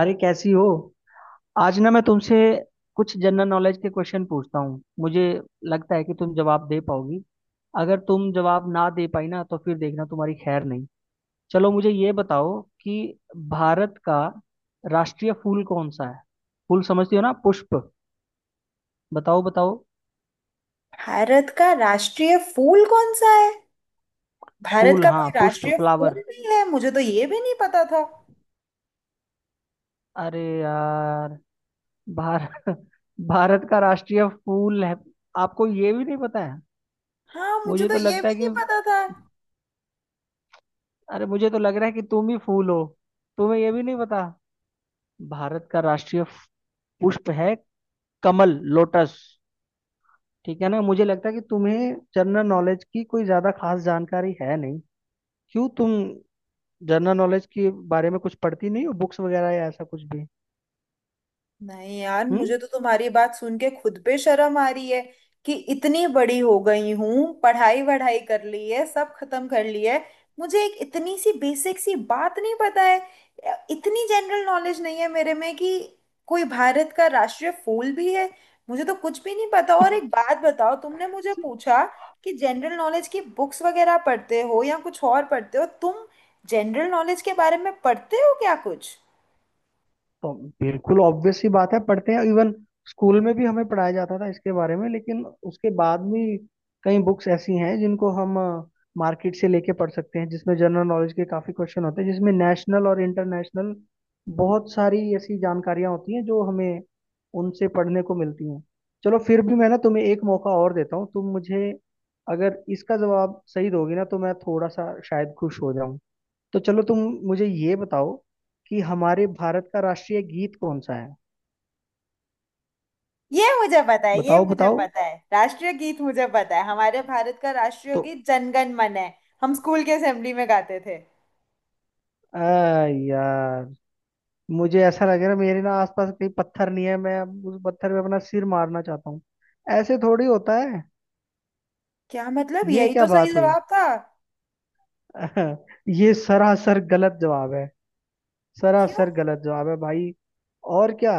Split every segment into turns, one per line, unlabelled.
अरे, कैसी हो? आज ना मैं तुमसे कुछ जनरल नॉलेज के क्वेश्चन पूछता हूँ। मुझे लगता है कि तुम जवाब दे पाओगी। अगर तुम जवाब ना दे पाई ना तो फिर देखना, तुम्हारी खैर नहीं। चलो मुझे ये बताओ कि भारत का राष्ट्रीय फूल कौन सा है? फूल समझती हो ना, पुष्प। बताओ बताओ।
भारत का राष्ट्रीय फूल कौन सा है? भारत
फूल,
का
हाँ,
कोई
पुष्प,
राष्ट्रीय
फ्लावर।
फूल भी है? मुझे तो ये भी नहीं पता था।
अरे यार, भारत भारत का राष्ट्रीय फूल है। आपको ये भी नहीं पता है?
हाँ, मुझे
मुझे
तो
तो
ये
लगता
भी
है
नहीं
कि
पता था।
अरे मुझे तो लग रहा है कि तुम ही फूल हो। तुम्हें ये भी नहीं पता। भारत का राष्ट्रीय पुष्प है, कमल, लोटस। ठीक है ना, मुझे लगता है कि तुम्हें जनरल नॉलेज की कोई ज्यादा खास जानकारी है नहीं। क्यों, तुम जनरल नॉलेज के बारे में कुछ पढ़ती नहीं हो, बुक्स वगैरह या ऐसा कुछ भी?
नहीं यार,
हम्म।
मुझे तो तुम्हारी बात सुन के खुद पे शर्म आ रही है कि इतनी बड़ी हो गई हूं, पढ़ाई वढ़ाई कर ली है, सब खत्म कर ली है, मुझे एक इतनी सी बेसिक सी बात नहीं पता है। इतनी जनरल नॉलेज नहीं है मेरे में कि कोई भारत का राष्ट्रीय फूल भी है। मुझे तो कुछ भी नहीं पता। और एक बात बताओ, तुमने मुझे पूछा कि जनरल नॉलेज की बुक्स वगैरह पढ़ते हो या कुछ और पढ़ते हो तुम? जनरल नॉलेज के बारे में पढ़ते हो क्या कुछ?
तो बिल्कुल ऑब्वियस सी बात है, पढ़ते हैं। इवन स्कूल में भी हमें पढ़ाया जाता था इसके बारे में, लेकिन उसके बाद भी कई बुक्स ऐसी हैं जिनको हम मार्केट से लेके पढ़ सकते हैं, जिसमें जनरल नॉलेज के काफी क्वेश्चन होते हैं, जिसमें नेशनल और इंटरनेशनल बहुत सारी ऐसी जानकारियां होती हैं जो हमें उनसे पढ़ने को मिलती हैं। चलो फिर भी मैं ना तुम्हें एक मौका और देता हूँ। तुम मुझे अगर इसका जवाब सही दोगी ना तो मैं थोड़ा सा शायद खुश हो जाऊं। तो चलो तुम मुझे ये बताओ कि हमारे भारत का राष्ट्रीय गीत कौन सा है?
ये मुझे पता है, ये
बताओ
मुझे
बताओ।
पता है, राष्ट्रीय गीत मुझे पता है। हमारे भारत का राष्ट्रीय
तो
गीत जनगण मन है। हम स्कूल के असेंबली में गाते थे।
आ यार, मुझे ऐसा लग रहा है मेरे ना आसपास कहीं पत्थर नहीं है, मैं अब उस पत्थर पे अपना सिर मारना चाहता हूँ। ऐसे थोड़ी होता है।
क्या मतलब?
ये
यही
क्या
तो सही
बात हुई?
जवाब था।
ये सरासर गलत जवाब है।
क्यों?
सरासर गलत जवाब है भाई। और क्या।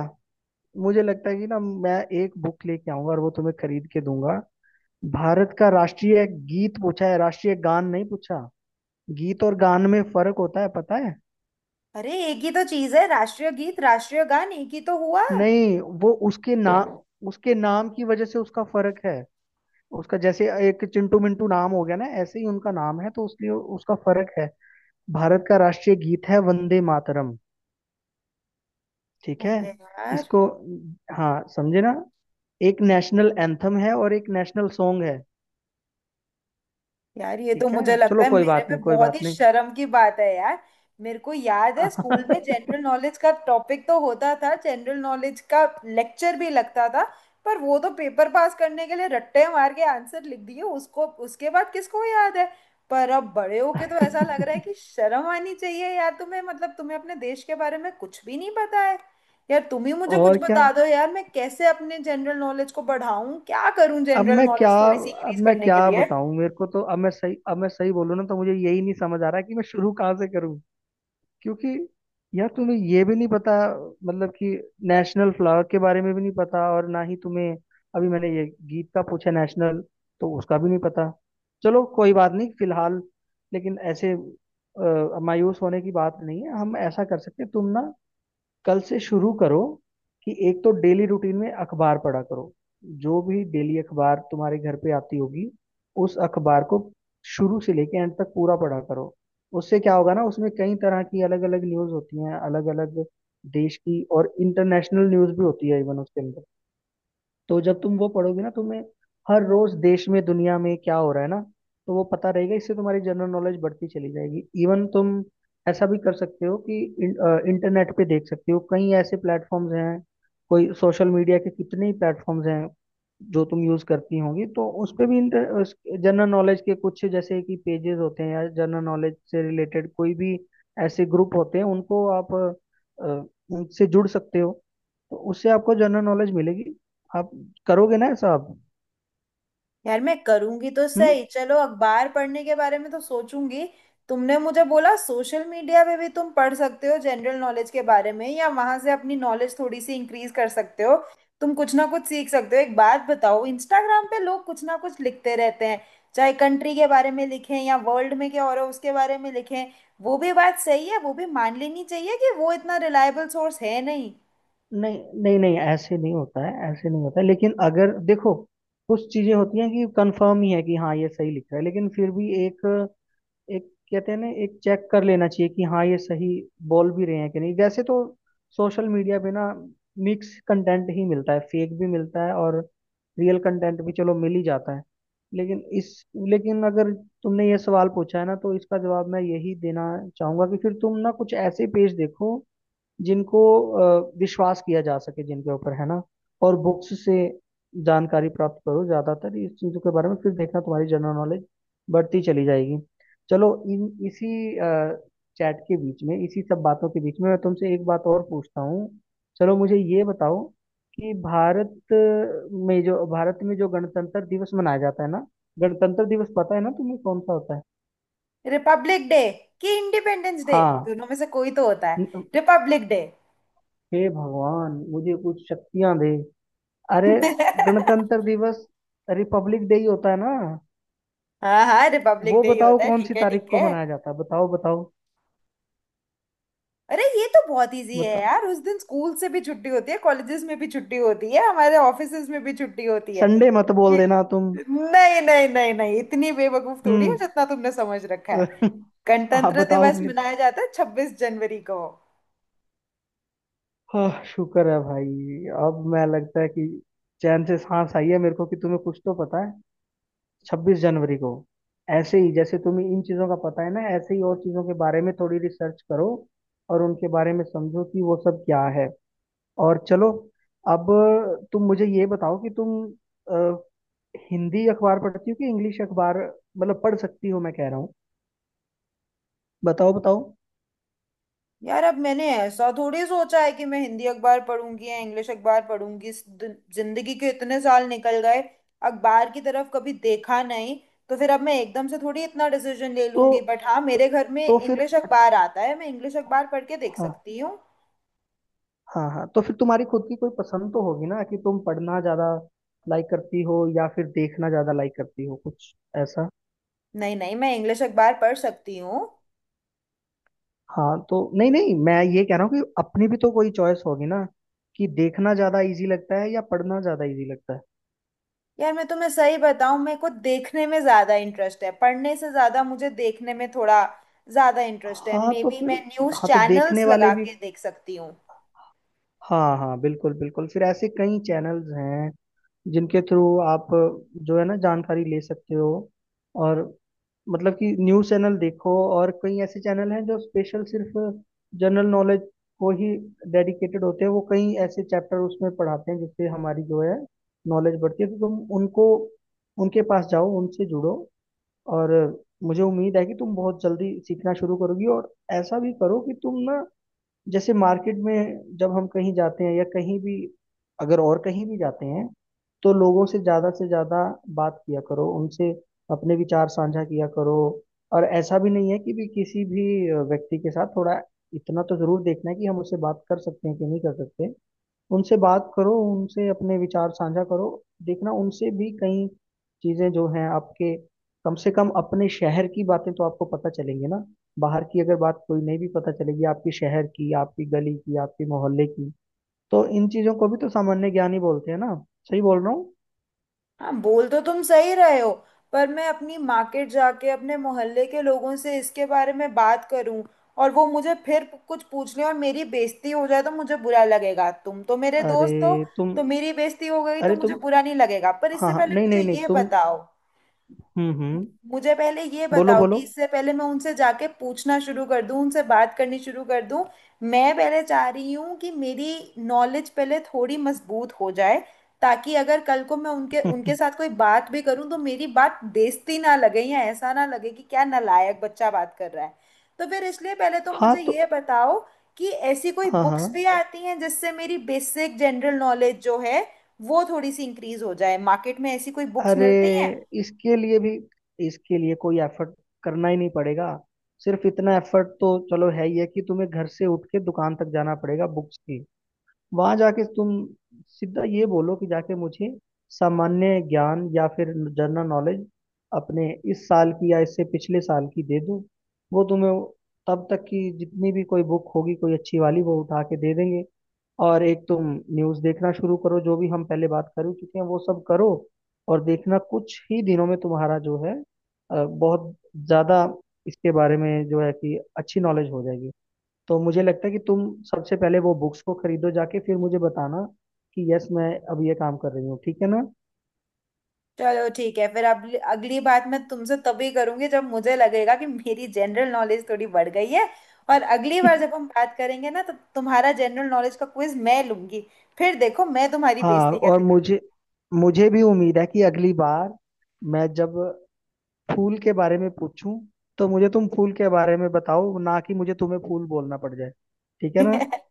मुझे लगता है कि ना मैं एक बुक लेके आऊंगा और वो तुम्हें खरीद के दूंगा। भारत का राष्ट्रीय गीत पूछा है, राष्ट्रीय गान नहीं पूछा। गीत और गान में फर्क होता है, पता है?
अरे, एक ही तो चीज है, राष्ट्रीय गीत राष्ट्रीय गान एक ही तो हुआ।
नहीं, वो उसके नाम की वजह से उसका फर्क है। उसका जैसे एक चिंटू मिंटू नाम हो गया ना, ऐसे ही उनका नाम है, तो उसलिए उसका फर्क है। भारत का राष्ट्रीय गीत है वंदे मातरम। ठीक है।
अरे यार।
इसको, हाँ, समझे ना। एक नेशनल एंथम है और एक नेशनल सॉन्ग है।
यार, ये तो
ठीक है,
मुझे लगता
चलो
है
कोई
मेरे
बात
पे
नहीं, कोई
बहुत
बात
ही
नहीं।
शर्म की बात है यार। मेरे को याद है, स्कूल में जनरल नॉलेज का टॉपिक तो होता था, जनरल नॉलेज का लेक्चर भी लगता था, पर वो तो पेपर पास करने के लिए रट्टे मार के आंसर लिख दिए उसको, उसके बाद किसको याद है? पर अब बड़े होके तो ऐसा लग रहा है कि शर्म आनी चाहिए यार तुम्हें, मतलब तुम्हें अपने देश के बारे में कुछ भी नहीं पता है। यार, तुम ही मुझे कुछ
और क्या।
बता दो यार, मैं कैसे अपने जनरल नॉलेज को बढ़ाऊं? क्या करूं
अब
जनरल
मैं क्या
नॉलेज थोड़ी सी
अब
इंक्रीज
मैं
करने
क्या
के लिए?
बताऊं? मेरे को तो अब मैं सही बोलूं ना तो मुझे यही नहीं समझ आ रहा कि मैं शुरू कहाँ से करूं। क्योंकि यार, तुम्हें ये भी नहीं पता। मतलब कि नेशनल फ्लावर के बारे में भी नहीं पता, और ना ही तुम्हें अभी मैंने ये गीत का पूछा नेशनल, तो उसका भी नहीं पता। चलो कोई बात नहीं फिलहाल। लेकिन ऐसे मायूस होने की बात नहीं है। हम ऐसा कर सकते हैं, तुम ना कल से शुरू करो कि एक तो डेली रूटीन में अखबार पढ़ा करो। जो भी डेली अखबार तुम्हारे घर पे आती होगी, उस अखबार को शुरू से लेके एंड तक पूरा पढ़ा करो। उससे क्या होगा ना, उसमें कई तरह की अलग अलग न्यूज होती हैं, अलग अलग देश की, और इंटरनेशनल न्यूज भी होती है इवन उसके अंदर। तो जब तुम वो पढ़ोगे ना, तुम्हें हर रोज देश में, दुनिया में क्या हो रहा है ना, तो वो पता रहेगा। इससे तुम्हारी जनरल नॉलेज बढ़ती चली जाएगी। इवन तुम ऐसा भी कर सकते हो कि इंटरनेट पे देख सकते हो। कई ऐसे प्लेटफॉर्म्स हैं। कोई सोशल मीडिया के कितने ही प्लेटफॉर्म्स हैं जो तुम यूज करती होंगी, तो उस पे भी इंटर जनरल नॉलेज के कुछ जैसे कि पेजेस होते हैं या जनरल नॉलेज से रिलेटेड कोई भी ऐसे ग्रुप होते हैं। उनको आप अ, उनसे जुड़ सकते हो। तो उससे आपको जनरल नॉलेज मिलेगी। आप करोगे ना ऐसा, आप?
यार मैं करूंगी तो
हम्म।
सही, चलो अखबार पढ़ने के बारे में तो सोचूंगी। तुमने मुझे बोला सोशल मीडिया पे भी तुम पढ़ सकते हो जनरल नॉलेज के बारे में, या वहां से अपनी नॉलेज थोड़ी सी इंक्रीज कर सकते हो, तुम कुछ ना कुछ सीख सकते हो। एक बात बताओ, इंस्टाग्राम पे लोग कुछ ना कुछ लिखते रहते हैं, चाहे कंट्री के बारे में लिखें या वर्ल्ड में क्या हो रहा है उसके बारे में लिखें, वो भी बात सही है, वो भी मान लेनी चाहिए कि वो इतना रिलायबल सोर्स है नहीं।
नहीं नहीं नहीं, ऐसे नहीं होता है, ऐसे नहीं होता है, लेकिन अगर देखो कुछ चीजें होती हैं कि कंफर्म ही है कि हाँ ये सही लिख रहा है, लेकिन फिर भी एक एक कहते हैं ना, एक चेक कर लेना चाहिए कि हाँ ये सही बोल भी रहे हैं कि नहीं। वैसे तो सोशल मीडिया पे ना मिक्स कंटेंट ही मिलता है, फेक भी मिलता है और रियल कंटेंट भी चलो मिल ही जाता है। लेकिन इस लेकिन अगर तुमने ये सवाल पूछा है ना तो इसका जवाब मैं यही देना चाहूंगा कि फिर तुम ना कुछ ऐसे पेज देखो जिनको विश्वास किया जा सके, जिनके ऊपर, है ना। और बुक्स से जानकारी प्राप्त करो ज्यादातर इस चीजों के बारे में। फिर देखना तुम्हारी जनरल नॉलेज बढ़ती चली जाएगी। चलो इन इसी चैट के बीच में, इसी सब बातों के बीच में मैं तुमसे एक बात और पूछता हूँ। चलो मुझे ये बताओ कि भारत में जो गणतंत्र दिवस मनाया जाता है ना, गणतंत्र दिवस पता है ना तुम्हें कौन सा होता है?
रिपब्लिक डे, कि इंडिपेंडेंस डे?
हाँ।
दोनों में से कोई तो होता है।
न-
रिपब्लिक डे।
हे भगवान, मुझे कुछ शक्तियां दे। अरे, गणतंत्र दिवस रिपब्लिक डे ही होता है ना।
हाँ हाँ, रिपब्लिक
वो
डे ही
बताओ
होता है।
कौन सी
ठीक है,
तारीख
ठीक
को
है।
मनाया जाता है, बताओ बताओ
अरे ये तो बहुत इजी है
बताओ।
यार, उस दिन स्कूल से भी छुट्टी होती है, कॉलेजेस में भी छुट्टी होती है, हमारे ऑफिसेज में भी छुट्टी होती है।
संडे मत बोल
ये,
देना तुम।
नहीं नहीं नहीं नहीं, इतनी बेवकूफ थोड़ी हो
हम्म।
जितना तुमने समझ रखा है।
आप
गणतंत्र
बताओ
दिवस
फिर।
मनाया जाता है 26 जनवरी को।
हाँ, शुक्र है भाई। अब मैं लगता है कि चैन से सांस आई है मेरे को कि तुम्हें कुछ तो पता है। 26 जनवरी को। ऐसे ही जैसे तुम्हें इन चीजों का पता है ना, ऐसे ही और चीजों के बारे में थोड़ी रिसर्च करो और उनके बारे में समझो कि वो सब क्या है। और चलो, अब तुम मुझे ये बताओ कि तुम अ, हिंदी अखबार पढ़ती हो कि इंग्लिश अखबार? मतलब पढ़ सकती हो, मैं कह रहा हूँ। बताओ बताओ।
यार अब मैंने ऐसा थोड़ी सोचा है कि मैं हिंदी अखबार पढ़ूंगी या इंग्लिश अखबार पढ़ूंगी। जिंदगी के इतने साल निकल गए, अखबार की तरफ कभी देखा नहीं, तो फिर अब मैं एकदम से थोड़ी इतना डिसीजन ले
तो,
लूंगी। बट हाँ,
तो,
मेरे घर में
फिर।
इंग्लिश अखबार आता है, मैं इंग्लिश अखबार पढ़ के देख
हाँ।
सकती हूँ।
हाँ हाँ, तो फिर तुम्हारी खुद की कोई पसंद तो होगी ना कि तुम पढ़ना ज्यादा लाइक करती हो या फिर देखना ज्यादा लाइक करती हो, कुछ ऐसा?
नहीं नहीं, मैं इंग्लिश अखबार पढ़ सकती हूँ।
हाँ तो नहीं नहीं, मैं ये कह रहा हूँ कि अपनी भी तो कोई चॉइस होगी ना, कि देखना ज्यादा इजी लगता है या पढ़ना ज्यादा इजी लगता है?
यार मैं तुम्हें सही बताऊँ, मेरे को देखने में ज़्यादा इंटरेस्ट है, पढ़ने से ज़्यादा मुझे देखने में थोड़ा ज़्यादा इंटरेस्ट है।
हाँ,
मे
तो
बी
फिर,
मैं न्यूज़
हाँ तो
चैनल्स
देखने वाले
लगा
भी,
के देख सकती हूँ।
हाँ हाँ, बिल्कुल बिल्कुल, फिर ऐसे कई चैनल्स हैं जिनके थ्रू आप, जो है ना, जानकारी ले सकते हो। और मतलब कि न्यूज़ चैनल देखो और कई ऐसे चैनल हैं जो स्पेशल सिर्फ जनरल नॉलेज को ही डेडिकेटेड होते हैं। वो कई ऐसे चैप्टर उसमें पढ़ाते हैं जिससे हमारी जो है नॉलेज बढ़ती है। तो तुम उनको, उनके पास जाओ, उनसे जुड़ो। और मुझे उम्मीद है कि तुम बहुत जल्दी सीखना शुरू करोगी। और ऐसा भी करो कि तुम ना, जैसे मार्केट में जब हम कहीं जाते हैं या कहीं भी, अगर और कहीं भी जाते हैं, तो लोगों से ज़्यादा बात किया करो, उनसे अपने विचार साझा किया करो। और ऐसा भी नहीं है कि भी किसी भी व्यक्ति के साथ, थोड़ा इतना तो ज़रूर देखना है कि हम उससे बात कर सकते हैं कि नहीं कर सकते। उनसे बात करो, उनसे अपने विचार साझा करो। देखना उनसे भी कई चीजें जो हैं आपके, कम से कम अपने शहर की बातें तो आपको पता चलेंगी ना। बाहर की अगर बात कोई नहीं भी पता चलेगी, आपकी शहर की, आपकी गली की, आपकी मोहल्ले की, तो इन चीजों को भी तो सामान्य ज्ञान ही बोलते हैं ना। सही बोल रहा हूँ।
हाँ बोल तो तुम सही रहे हो, पर मैं अपनी मार्केट जाके अपने मोहल्ले के लोगों से इसके बारे में बात करूं, और वो मुझे फिर कुछ पूछ लें और मेरी बेइज्जती हो जाए तो मुझे बुरा लगेगा। तुम तो मेरे दोस्त हो,
अरे तुम,
तो मेरी बेइज्जती हो गई तो
अरे
मुझे
तुम
बुरा नहीं लगेगा। पर
हाँ
इससे
हाँ,
पहले
नहीं नहीं
मुझे
नहीं,
ये
तुम,
बताओ,
हम्म।
मुझे पहले ये
बोलो
बताओ कि
बोलो।
इससे पहले मैं उनसे जाके पूछना शुरू कर दूं, उनसे बात करनी शुरू कर दूं, मैं पहले चाह रही हूँ कि मेरी नॉलेज पहले थोड़ी मजबूत हो जाए, ताकि अगर कल को मैं उनके उनके साथ कोई बात भी करूँ तो मेरी बात बेइज्जती ना लगे, या ऐसा ना लगे कि क्या नालायक बच्चा बात कर रहा है। तो फिर इसलिए पहले तुम
हाँ
मुझे
तो,
ये बताओ कि ऐसी कोई
हाँ हाँ,
बुक्स भी आती हैं जिससे मेरी बेसिक जनरल नॉलेज जो है वो थोड़ी सी इंक्रीज हो जाए? मार्केट में ऐसी कोई बुक्स
अरे,
मिलती हैं?
इसके लिए भी इसके लिए कोई एफर्ट करना ही नहीं पड़ेगा। सिर्फ इतना एफर्ट तो चलो है ही है कि तुम्हें घर से उठ के दुकान तक जाना पड़ेगा बुक्स की। वहां जाके तुम सीधा ये बोलो कि जाके मुझे सामान्य ज्ञान या फिर जनरल नॉलेज अपने इस साल की या इससे पिछले साल की दे दो। वो तुम्हें तब तक की जितनी भी कोई बुक होगी कोई अच्छी वाली वो उठा के दे देंगे। और एक तुम न्यूज़ देखना शुरू करो, जो भी हम पहले बात कर चुके हैं वो सब करो। और देखना कुछ ही दिनों में तुम्हारा जो है बहुत ज़्यादा इसके बारे में, जो है कि, अच्छी नॉलेज हो जाएगी। तो मुझे लगता है कि तुम सबसे पहले वो बुक्स को खरीदो जाके, फिर मुझे बताना कि यस मैं अब ये काम कर रही हूँ, ठीक है ना।
चलो ठीक है, फिर अगली अगली बात मैं तुमसे तभी करूंगी जब मुझे लगेगा कि मेरी जनरल नॉलेज थोड़ी बढ़ गई है। और अगली बार जब हम बात करेंगे ना, तो तुम्हारा जनरल नॉलेज का क्विज मैं लूंगी, फिर देखो मैं तुम्हारी
हाँ,
बेइज्जती
और
कैसे करती
मुझे मुझे भी उम्मीद है कि अगली बार, मैं जब फूल के बारे में पूछूं, तो मुझे तुम फूल के बारे में बताओ, ना कि मुझे तुम्हें फूल बोलना पड़ जाए। ठीक है
हूँ।
ना।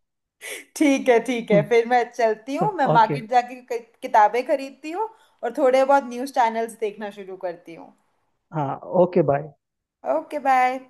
ठीक है, ठीक है, फिर मैं चलती हूँ, मैं
ओके।
मार्केट जाके किताबें खरीदती हूँ, और थोड़े बहुत न्यूज़ चैनल्स देखना शुरू करती हूँ।
हाँ, ओके बाय।
Okay bye.